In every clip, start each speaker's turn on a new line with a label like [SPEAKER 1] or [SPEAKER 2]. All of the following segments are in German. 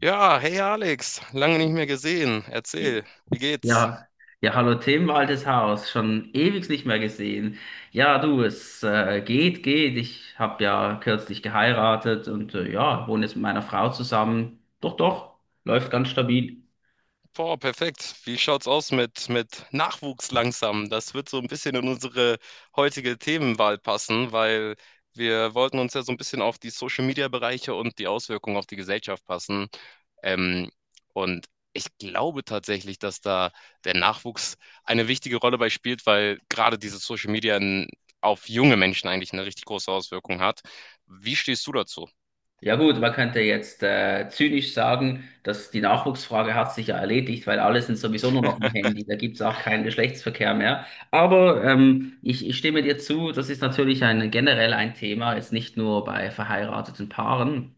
[SPEAKER 1] Ja, hey Alex, lange nicht mehr gesehen. Erzähl, wie geht's?
[SPEAKER 2] Ja, ja, hallo Tim, altes Haus, schon ewig nicht mehr gesehen. Ja, du, es geht, geht. Ich habe ja kürzlich geheiratet und ja, wohne jetzt mit meiner Frau zusammen. Doch, doch, läuft ganz stabil.
[SPEAKER 1] Boah, perfekt. Wie schaut's aus mit Nachwuchs langsam? Das wird so ein bisschen in unsere heutige Themenwahl passen, weil wir wollten uns ja so ein bisschen auf die Social-Media-Bereiche und die Auswirkungen auf die Gesellschaft passen. Ähm, und ich glaube tatsächlich, dass da der Nachwuchs eine wichtige Rolle bei spielt, weil gerade dieses Social-Media auf junge Menschen eigentlich eine richtig große Auswirkung hat. Wie stehst du dazu?
[SPEAKER 2] Ja gut, man könnte jetzt zynisch sagen, dass die Nachwuchsfrage hat sich ja erledigt, weil alle sind sowieso nur noch im Handy, da gibt's auch keinen Geschlechtsverkehr mehr. Aber ich stimme dir zu, das ist natürlich ein, generell ein Thema, jetzt nicht nur bei verheirateten Paaren.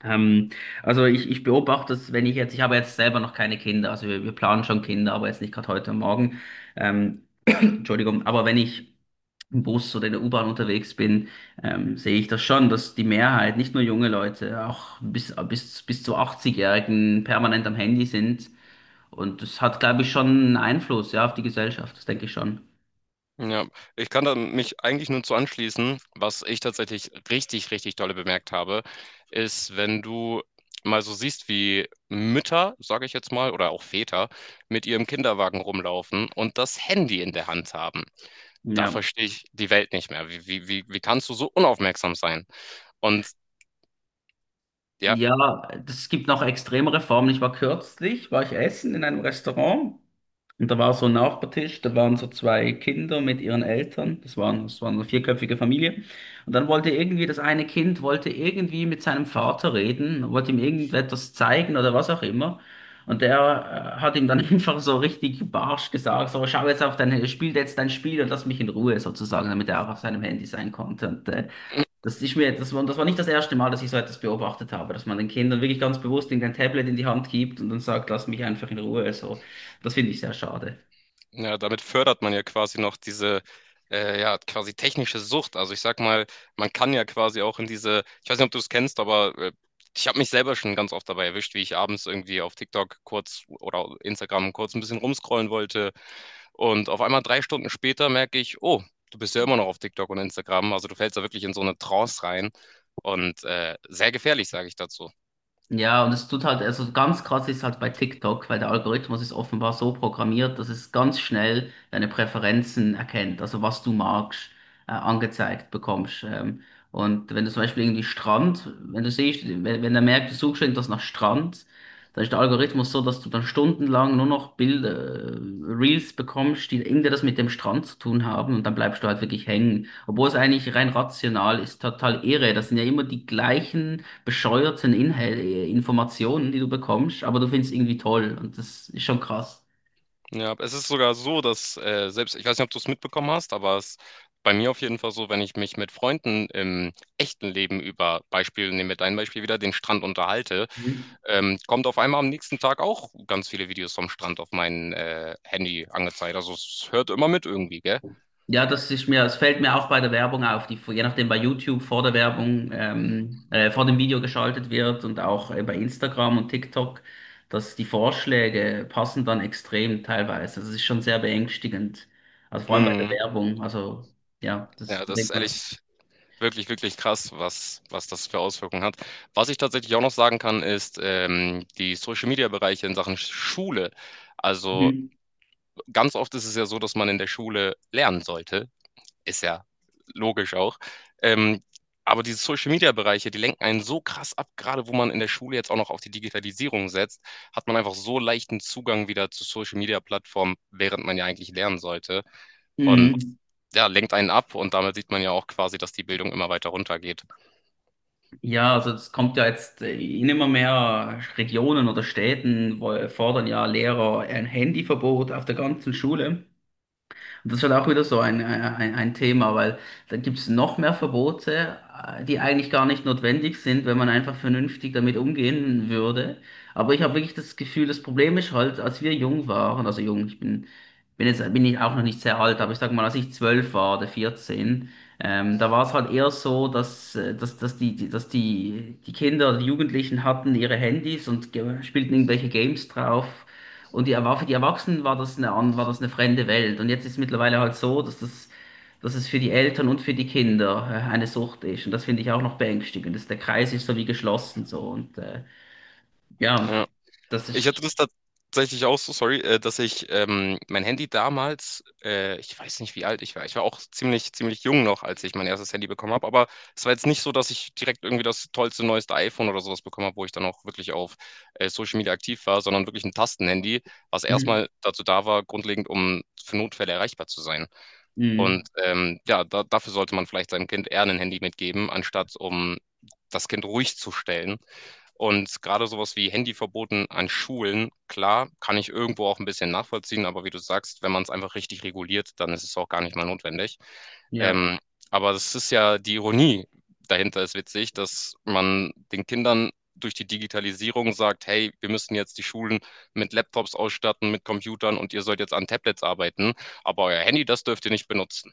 [SPEAKER 2] Ähm, also ich beobachte das, wenn ich jetzt, ich habe jetzt selber noch keine Kinder, also wir planen schon Kinder, aber jetzt nicht gerade heute und Morgen. Ähm, Entschuldigung, aber wenn ich im Bus oder in der U-Bahn unterwegs bin, sehe ich das schon, dass die Mehrheit, nicht nur junge Leute, auch bis zu 80-Jährigen permanent am Handy sind. Und das hat, glaube ich, schon einen Einfluss, ja, auf die Gesellschaft, das denke ich schon.
[SPEAKER 1] Ja, ich kann da mich eigentlich nur zu anschließen. Was ich tatsächlich richtig, richtig dolle bemerkt habe, ist, wenn du mal so siehst, wie Mütter, sage ich jetzt mal, oder auch Väter mit ihrem Kinderwagen rumlaufen und das Handy in der Hand haben. Da
[SPEAKER 2] Ja.
[SPEAKER 1] verstehe ich die Welt nicht mehr. Wie kannst du so unaufmerksam sein? Und ja,
[SPEAKER 2] Ja, es gibt noch extremere Formen. Ich war kürzlich, war ich essen in einem Restaurant. Und da war so ein Nachbartisch, da waren so zwei Kinder mit ihren Eltern, das waren, das war eine vierköpfige Familie. Und dann wollte irgendwie, das eine Kind wollte irgendwie mit seinem Vater reden, wollte ihm irgendetwas zeigen oder was auch immer. Und der hat ihm dann einfach so richtig barsch gesagt, so schau jetzt auf dein, spiel jetzt dein Spiel und lass mich in Ruhe sozusagen, damit er auch auf seinem Handy sein konnte. Und das ist mir, das war nicht das erste Mal, dass ich so etwas beobachtet habe, dass man den Kindern wirklich ganz bewusst irgendein Tablet in die Hand gibt und dann sagt, lass mich einfach in Ruhe, so. Das finde ich sehr schade.
[SPEAKER 1] Ja, damit fördert man ja quasi noch diese, ja, quasi technische Sucht. Also ich sag mal, man kann ja quasi auch in diese, ich weiß nicht, ob du es kennst, aber ich habe mich selber schon ganz oft dabei erwischt, wie ich abends irgendwie auf TikTok kurz oder Instagram kurz ein bisschen rumscrollen wollte. Und auf einmal drei Stunden später merke ich, oh, du bist ja immer noch auf TikTok und Instagram. Also du fällst da wirklich in so eine Trance rein. Und sehr gefährlich, sage ich dazu.
[SPEAKER 2] Ja, und es tut halt, also ganz krass ist halt bei TikTok, weil der Algorithmus ist offenbar so programmiert, dass es ganz schnell deine Präferenzen erkennt, also was du magst, angezeigt bekommst. Und wenn du zum Beispiel irgendwie Strand, wenn du siehst, wenn, wenn er merkt, du suchst irgendwas nach Strand, dann ist der Algorithmus so, dass du dann stundenlang nur noch Bilder, Reels bekommst, die irgendwie das mit dem Strand zu tun haben und dann bleibst du halt wirklich hängen. Obwohl es eigentlich rein rational ist, total irre. Das sind ja immer die gleichen bescheuerten Inhal Informationen, die du bekommst, aber du findest irgendwie toll und das ist schon krass.
[SPEAKER 1] Ja, es ist sogar so, dass selbst, ich weiß nicht, ob du es mitbekommen hast, aber es ist bei mir auf jeden Fall so, wenn ich mich mit Freunden im echten Leben über Beispiel, nehmen wir dein Beispiel wieder, den Strand unterhalte,
[SPEAKER 2] Mhm.
[SPEAKER 1] kommt auf einmal am nächsten Tag auch ganz viele Videos vom Strand auf mein Handy angezeigt. Also es hört immer mit irgendwie, gell?
[SPEAKER 2] Ja, das ist mir, es fällt mir auch bei der Werbung auf, die je nachdem bei YouTube vor der Werbung, vor dem Video geschaltet wird und auch bei Instagram und TikTok, dass die Vorschläge passen dann extrem teilweise. Das ist schon sehr beängstigend. Also vor allem bei der
[SPEAKER 1] Mhm.
[SPEAKER 2] Werbung. Also ja,
[SPEAKER 1] Ja,
[SPEAKER 2] das
[SPEAKER 1] das ist
[SPEAKER 2] denkt man.
[SPEAKER 1] ehrlich wirklich, wirklich krass, was das für Auswirkungen hat. Was ich tatsächlich auch noch sagen kann, ist die Social-Media-Bereiche in Sachen Schule. Also
[SPEAKER 2] Mhm.
[SPEAKER 1] ganz oft ist es ja so, dass man in der Schule lernen sollte. Ist ja logisch auch. Ähm, aber diese Social-Media-Bereiche, die lenken einen so krass ab, gerade wo man in der Schule jetzt auch noch auf die Digitalisierung setzt, hat man einfach so leichten Zugang wieder zu Social-Media-Plattformen, während man ja eigentlich lernen sollte. Und
[SPEAKER 2] Mhm.
[SPEAKER 1] ja, lenkt einen ab und damit sieht man ja auch quasi, dass die Bildung immer weiter runtergeht.
[SPEAKER 2] Ja, also es kommt ja jetzt in immer mehr Regionen oder Städten, wo fordern ja Lehrer ein Handyverbot auf der ganzen Schule. Und das ist halt auch wieder so ein, ein Thema, weil da gibt es noch mehr Verbote, die eigentlich gar nicht notwendig sind, wenn man einfach vernünftig damit umgehen würde. Aber ich habe wirklich das Gefühl, das Problem ist halt, als wir jung waren, also jung, ich bin, bin jetzt bin ich auch noch nicht sehr alt, aber ich sag mal, als ich zwölf war oder 14, da war es halt eher so, dass die Kinder, die Jugendlichen hatten ihre Handys und spielten irgendwelche Games drauf. Und die, war für die Erwachsenen war das war das eine fremde Welt. Und jetzt ist es mittlerweile halt so, dass es für die Eltern und für die Kinder eine Sucht ist. Und das finde ich auch noch beängstigend. Dass der Kreis ist so wie geschlossen so. Und ja,
[SPEAKER 1] Ja.
[SPEAKER 2] das
[SPEAKER 1] Ich hatte
[SPEAKER 2] ist.
[SPEAKER 1] das tatsächlich auch so, sorry, dass ich mein Handy damals, ich weiß nicht, wie alt ich war. Ich war auch ziemlich, ziemlich jung noch, als ich mein erstes Handy bekommen habe. Aber es war jetzt nicht so, dass ich direkt irgendwie das tollste, neueste iPhone oder sowas bekommen habe, wo ich dann auch wirklich auf Social Media aktiv war, sondern wirklich ein Tastenhandy, was
[SPEAKER 2] Mhm.
[SPEAKER 1] erstmal dazu da war, grundlegend, um für Notfälle erreichbar zu sein. Und
[SPEAKER 2] Mhm.
[SPEAKER 1] ja, da, dafür sollte man vielleicht seinem Kind eher ein Handy mitgeben, anstatt um das Kind ruhig zu stellen. Und gerade sowas wie Handyverboten an Schulen, klar, kann ich irgendwo auch ein bisschen nachvollziehen, aber wie du sagst, wenn man es einfach richtig reguliert, dann ist es auch gar nicht mal notwendig.
[SPEAKER 2] Ja.
[SPEAKER 1] Ähm, aber das ist ja die Ironie dahinter ist witzig, dass man den Kindern durch die Digitalisierung sagt, hey, wir müssen jetzt die Schulen mit Laptops ausstatten, mit Computern und ihr sollt jetzt an Tablets arbeiten, aber euer Handy, das dürft ihr nicht benutzen.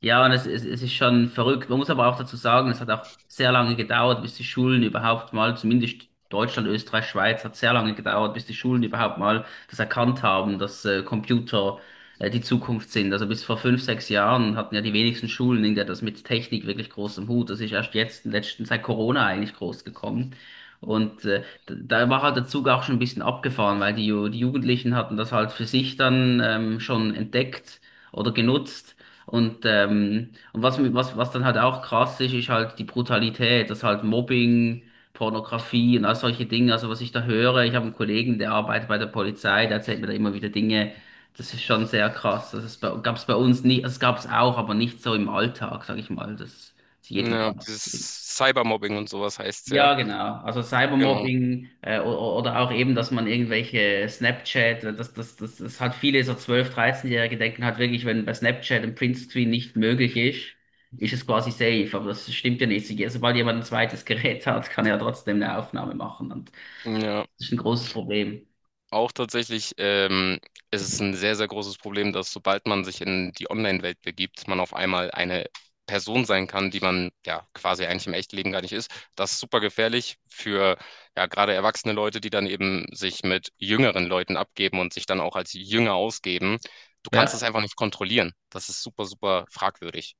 [SPEAKER 2] Ja, und es ist schon verrückt. Man muss aber auch dazu sagen, es hat auch sehr lange gedauert, bis die Schulen überhaupt mal, zumindest Deutschland, Österreich, Schweiz, hat sehr lange gedauert, bis die Schulen überhaupt mal das erkannt haben, dass Computer die Zukunft sind. Also bis vor fünf, sechs Jahren hatten ja die wenigsten Schulen irgendwie das mit Technik wirklich groß im Hut. Das ist erst jetzt, letzten, seit Corona eigentlich groß gekommen. Und da war halt der Zug auch schon ein bisschen abgefahren, weil die Jugendlichen hatten das halt für sich dann schon entdeckt oder genutzt. Und was, was, was dann halt auch krass ist, ist halt die Brutalität, das halt Mobbing, Pornografie und all solche Dinge. Also was ich da höre, ich habe einen Kollegen, der arbeitet bei der Polizei, der erzählt mir da immer wieder Dinge. Das ist schon sehr krass. Das gab es bei uns nicht, das gab es auch, aber nicht so im Alltag, sag ich mal. Das ist jeden
[SPEAKER 1] Ja,
[SPEAKER 2] Tag.
[SPEAKER 1] dieses Cybermobbing und sowas heißt es ja.
[SPEAKER 2] Ja, genau. Also
[SPEAKER 1] Genau.
[SPEAKER 2] Cybermobbing oder auch eben, dass man irgendwelche Snapchat, das hat viele so zwölf, 13-Jährige denken halt wirklich, wenn bei Snapchat ein Printscreen nicht möglich ist, ist es quasi safe. Aber das stimmt ja nicht. Sobald jemand ein zweites Gerät hat, kann er ja trotzdem eine Aufnahme machen. Und
[SPEAKER 1] Ja,
[SPEAKER 2] das ist ein großes Problem.
[SPEAKER 1] auch tatsächlich, ist es ein sehr, sehr großes Problem, dass sobald man sich in die Online-Welt begibt, man auf einmal eine Person sein kann, die man ja quasi eigentlich im echten Leben gar nicht ist. Das ist super gefährlich für ja gerade erwachsene Leute, die dann eben sich mit jüngeren Leuten abgeben und sich dann auch als Jünger ausgeben. Du kannst
[SPEAKER 2] Ja.
[SPEAKER 1] es einfach nicht kontrollieren. Das ist super, super fragwürdig.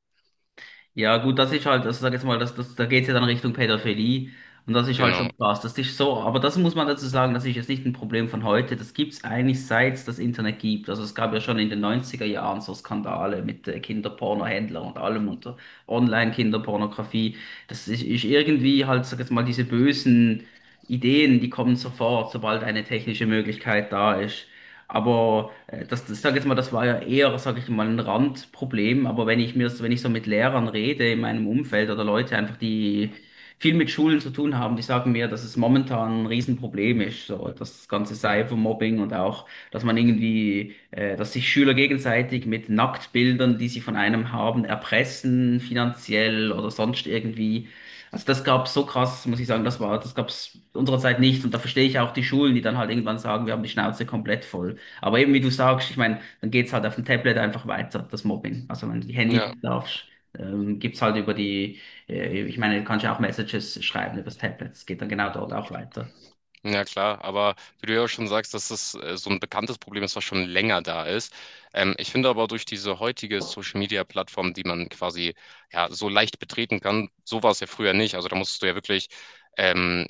[SPEAKER 2] Ja, gut, das ist halt, also sag jetzt mal, da geht's ja dann Richtung Pädophilie und das ist halt
[SPEAKER 1] Genau.
[SPEAKER 2] schon krass. Das ist so, aber das muss man dazu sagen, das ist jetzt nicht ein Problem von heute. Das gibt's eigentlich seit es das Internet gibt. Also es gab ja schon in den neunziger Jahren so Skandale mit Kinderpornohändlern und allem und Online-Kinderpornografie. Das ist, ist irgendwie halt, sag jetzt mal, diese bösen Ideen, die kommen sofort, sobald eine technische Möglichkeit da ist. Aber das sage jetzt mal, das war ja eher, sage ich mal, ein Randproblem. Aber wenn ich mir, wenn ich so mit Lehrern rede in meinem Umfeld oder Leute einfach, die viel mit Schulen zu tun haben, die sagen mir, dass es momentan ein Riesenproblem ist, so das ganze Cybermobbing und auch, dass man irgendwie, dass sich Schüler gegenseitig mit Nacktbildern, die sie von einem haben, erpressen, finanziell oder sonst irgendwie. Also das gab's so krass, muss ich sagen, das war, das gab's unserer Zeit nicht. Und da verstehe ich auch die Schulen, die dann halt irgendwann sagen, wir haben die Schnauze komplett voll. Aber eben, wie du sagst, ich meine, dann geht's halt auf dem Tablet einfach weiter, das Mobbing. Also wenn du die Handy
[SPEAKER 1] Ja.
[SPEAKER 2] nicht darfst, gibt's halt über die, ich meine, du kannst ja auch Messages schreiben über das Tablet. Es geht dann genau dort auch weiter.
[SPEAKER 1] Ja klar, aber wie du ja auch schon sagst, dass das so ein bekanntes Problem ist, was schon länger da ist. Ich finde aber durch diese heutige Social-Media-Plattform, die man quasi ja so leicht betreten kann, so war es ja früher nicht. Also da musstest du ja wirklich ähm,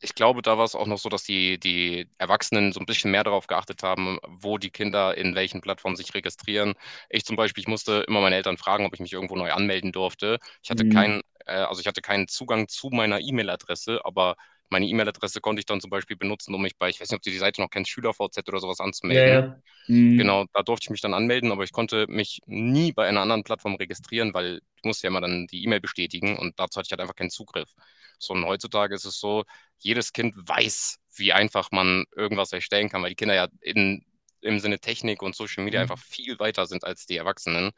[SPEAKER 1] ich glaube, da war es auch noch so, dass die Erwachsenen so ein bisschen mehr darauf geachtet haben, wo die Kinder in welchen Plattformen sich registrieren. Ich zum Beispiel, ich musste immer meine Eltern fragen, ob ich mich irgendwo neu anmelden durfte. Ich hatte
[SPEAKER 2] Mhm.
[SPEAKER 1] keinen, also ich hatte keinen Zugang zu meiner E-Mail-Adresse, aber meine E-Mail-Adresse konnte ich dann zum Beispiel benutzen, um mich bei, ich weiß nicht, ob du die Seite noch kennst, SchülerVZ oder sowas
[SPEAKER 2] Ja,
[SPEAKER 1] anzumelden.
[SPEAKER 2] ja. Mhm.
[SPEAKER 1] Genau, da durfte ich mich dann anmelden, aber ich konnte mich nie bei einer anderen Plattform registrieren, weil ich musste ja immer dann die E-Mail bestätigen und dazu hatte ich halt einfach keinen Zugriff. So, und heutzutage ist es so, jedes Kind weiß, wie einfach man irgendwas erstellen kann, weil die Kinder ja in, im Sinne Technik und Social Media einfach viel weiter sind als die Erwachsenen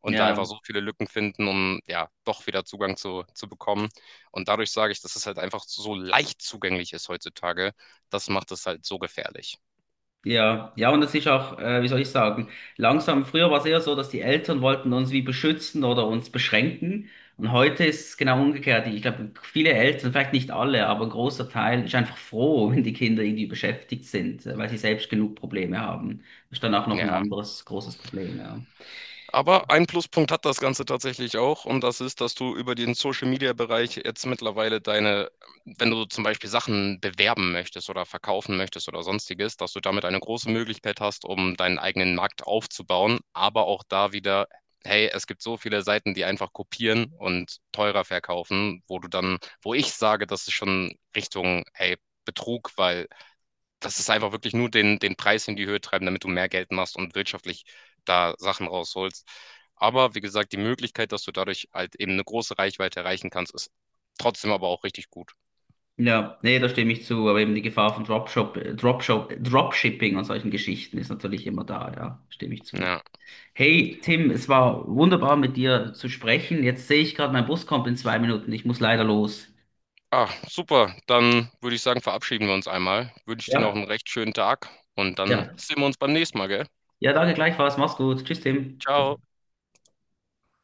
[SPEAKER 1] und da einfach
[SPEAKER 2] Ja.
[SPEAKER 1] so viele Lücken finden, um ja doch wieder Zugang zu bekommen. Und dadurch sage ich, dass es halt einfach so leicht zugänglich ist heutzutage. Das macht es halt so gefährlich.
[SPEAKER 2] Ja, ja, und es ist auch, wie soll ich sagen, langsam, früher war es eher so, dass die Eltern wollten uns wie beschützen oder uns beschränken. Und heute ist es genau umgekehrt. Ich glaube, viele Eltern, vielleicht nicht alle, aber ein großer Teil ist einfach froh, wenn die Kinder irgendwie beschäftigt sind, weil sie selbst genug Probleme haben. Das ist dann auch noch ein
[SPEAKER 1] Ja.
[SPEAKER 2] anderes großes Problem, ja.
[SPEAKER 1] Aber ein Pluspunkt hat das Ganze tatsächlich auch und das ist, dass du über den Social-Media-Bereich jetzt mittlerweile deine, wenn du zum Beispiel Sachen bewerben möchtest oder verkaufen möchtest oder sonstiges, dass du damit eine große Möglichkeit hast, um deinen eigenen Markt aufzubauen, aber auch da wieder, hey, es gibt so viele Seiten, die einfach kopieren und teurer verkaufen, wo du dann, wo ich sage, das ist schon Richtung, hey, Betrug, weil das ist einfach wirklich nur den Preis in die Höhe treiben, damit du mehr Geld machst und wirtschaftlich da Sachen rausholst. Aber wie gesagt, die Möglichkeit, dass du dadurch halt eben eine große Reichweite erreichen kannst, ist trotzdem aber auch richtig gut.
[SPEAKER 2] Ja, nee, da stimme ich zu. Aber eben die Gefahr von Dropshipping und solchen Geschichten ist natürlich immer da, ja, stimme ich zu.
[SPEAKER 1] Ja.
[SPEAKER 2] Hey Tim, es war wunderbar mit dir zu sprechen. Jetzt sehe ich gerade, mein Bus kommt in zwei Minuten. Ich muss leider los.
[SPEAKER 1] Ah, super. Dann würde ich sagen, verabschieden wir uns einmal. Wünsche dir noch
[SPEAKER 2] Ja,
[SPEAKER 1] einen recht schönen Tag und dann
[SPEAKER 2] ja.
[SPEAKER 1] sehen wir uns beim nächsten Mal, gell?
[SPEAKER 2] Ja, danke gleichfalls. Mach's gut. Tschüss, Tim. Ciao.
[SPEAKER 1] Ciao.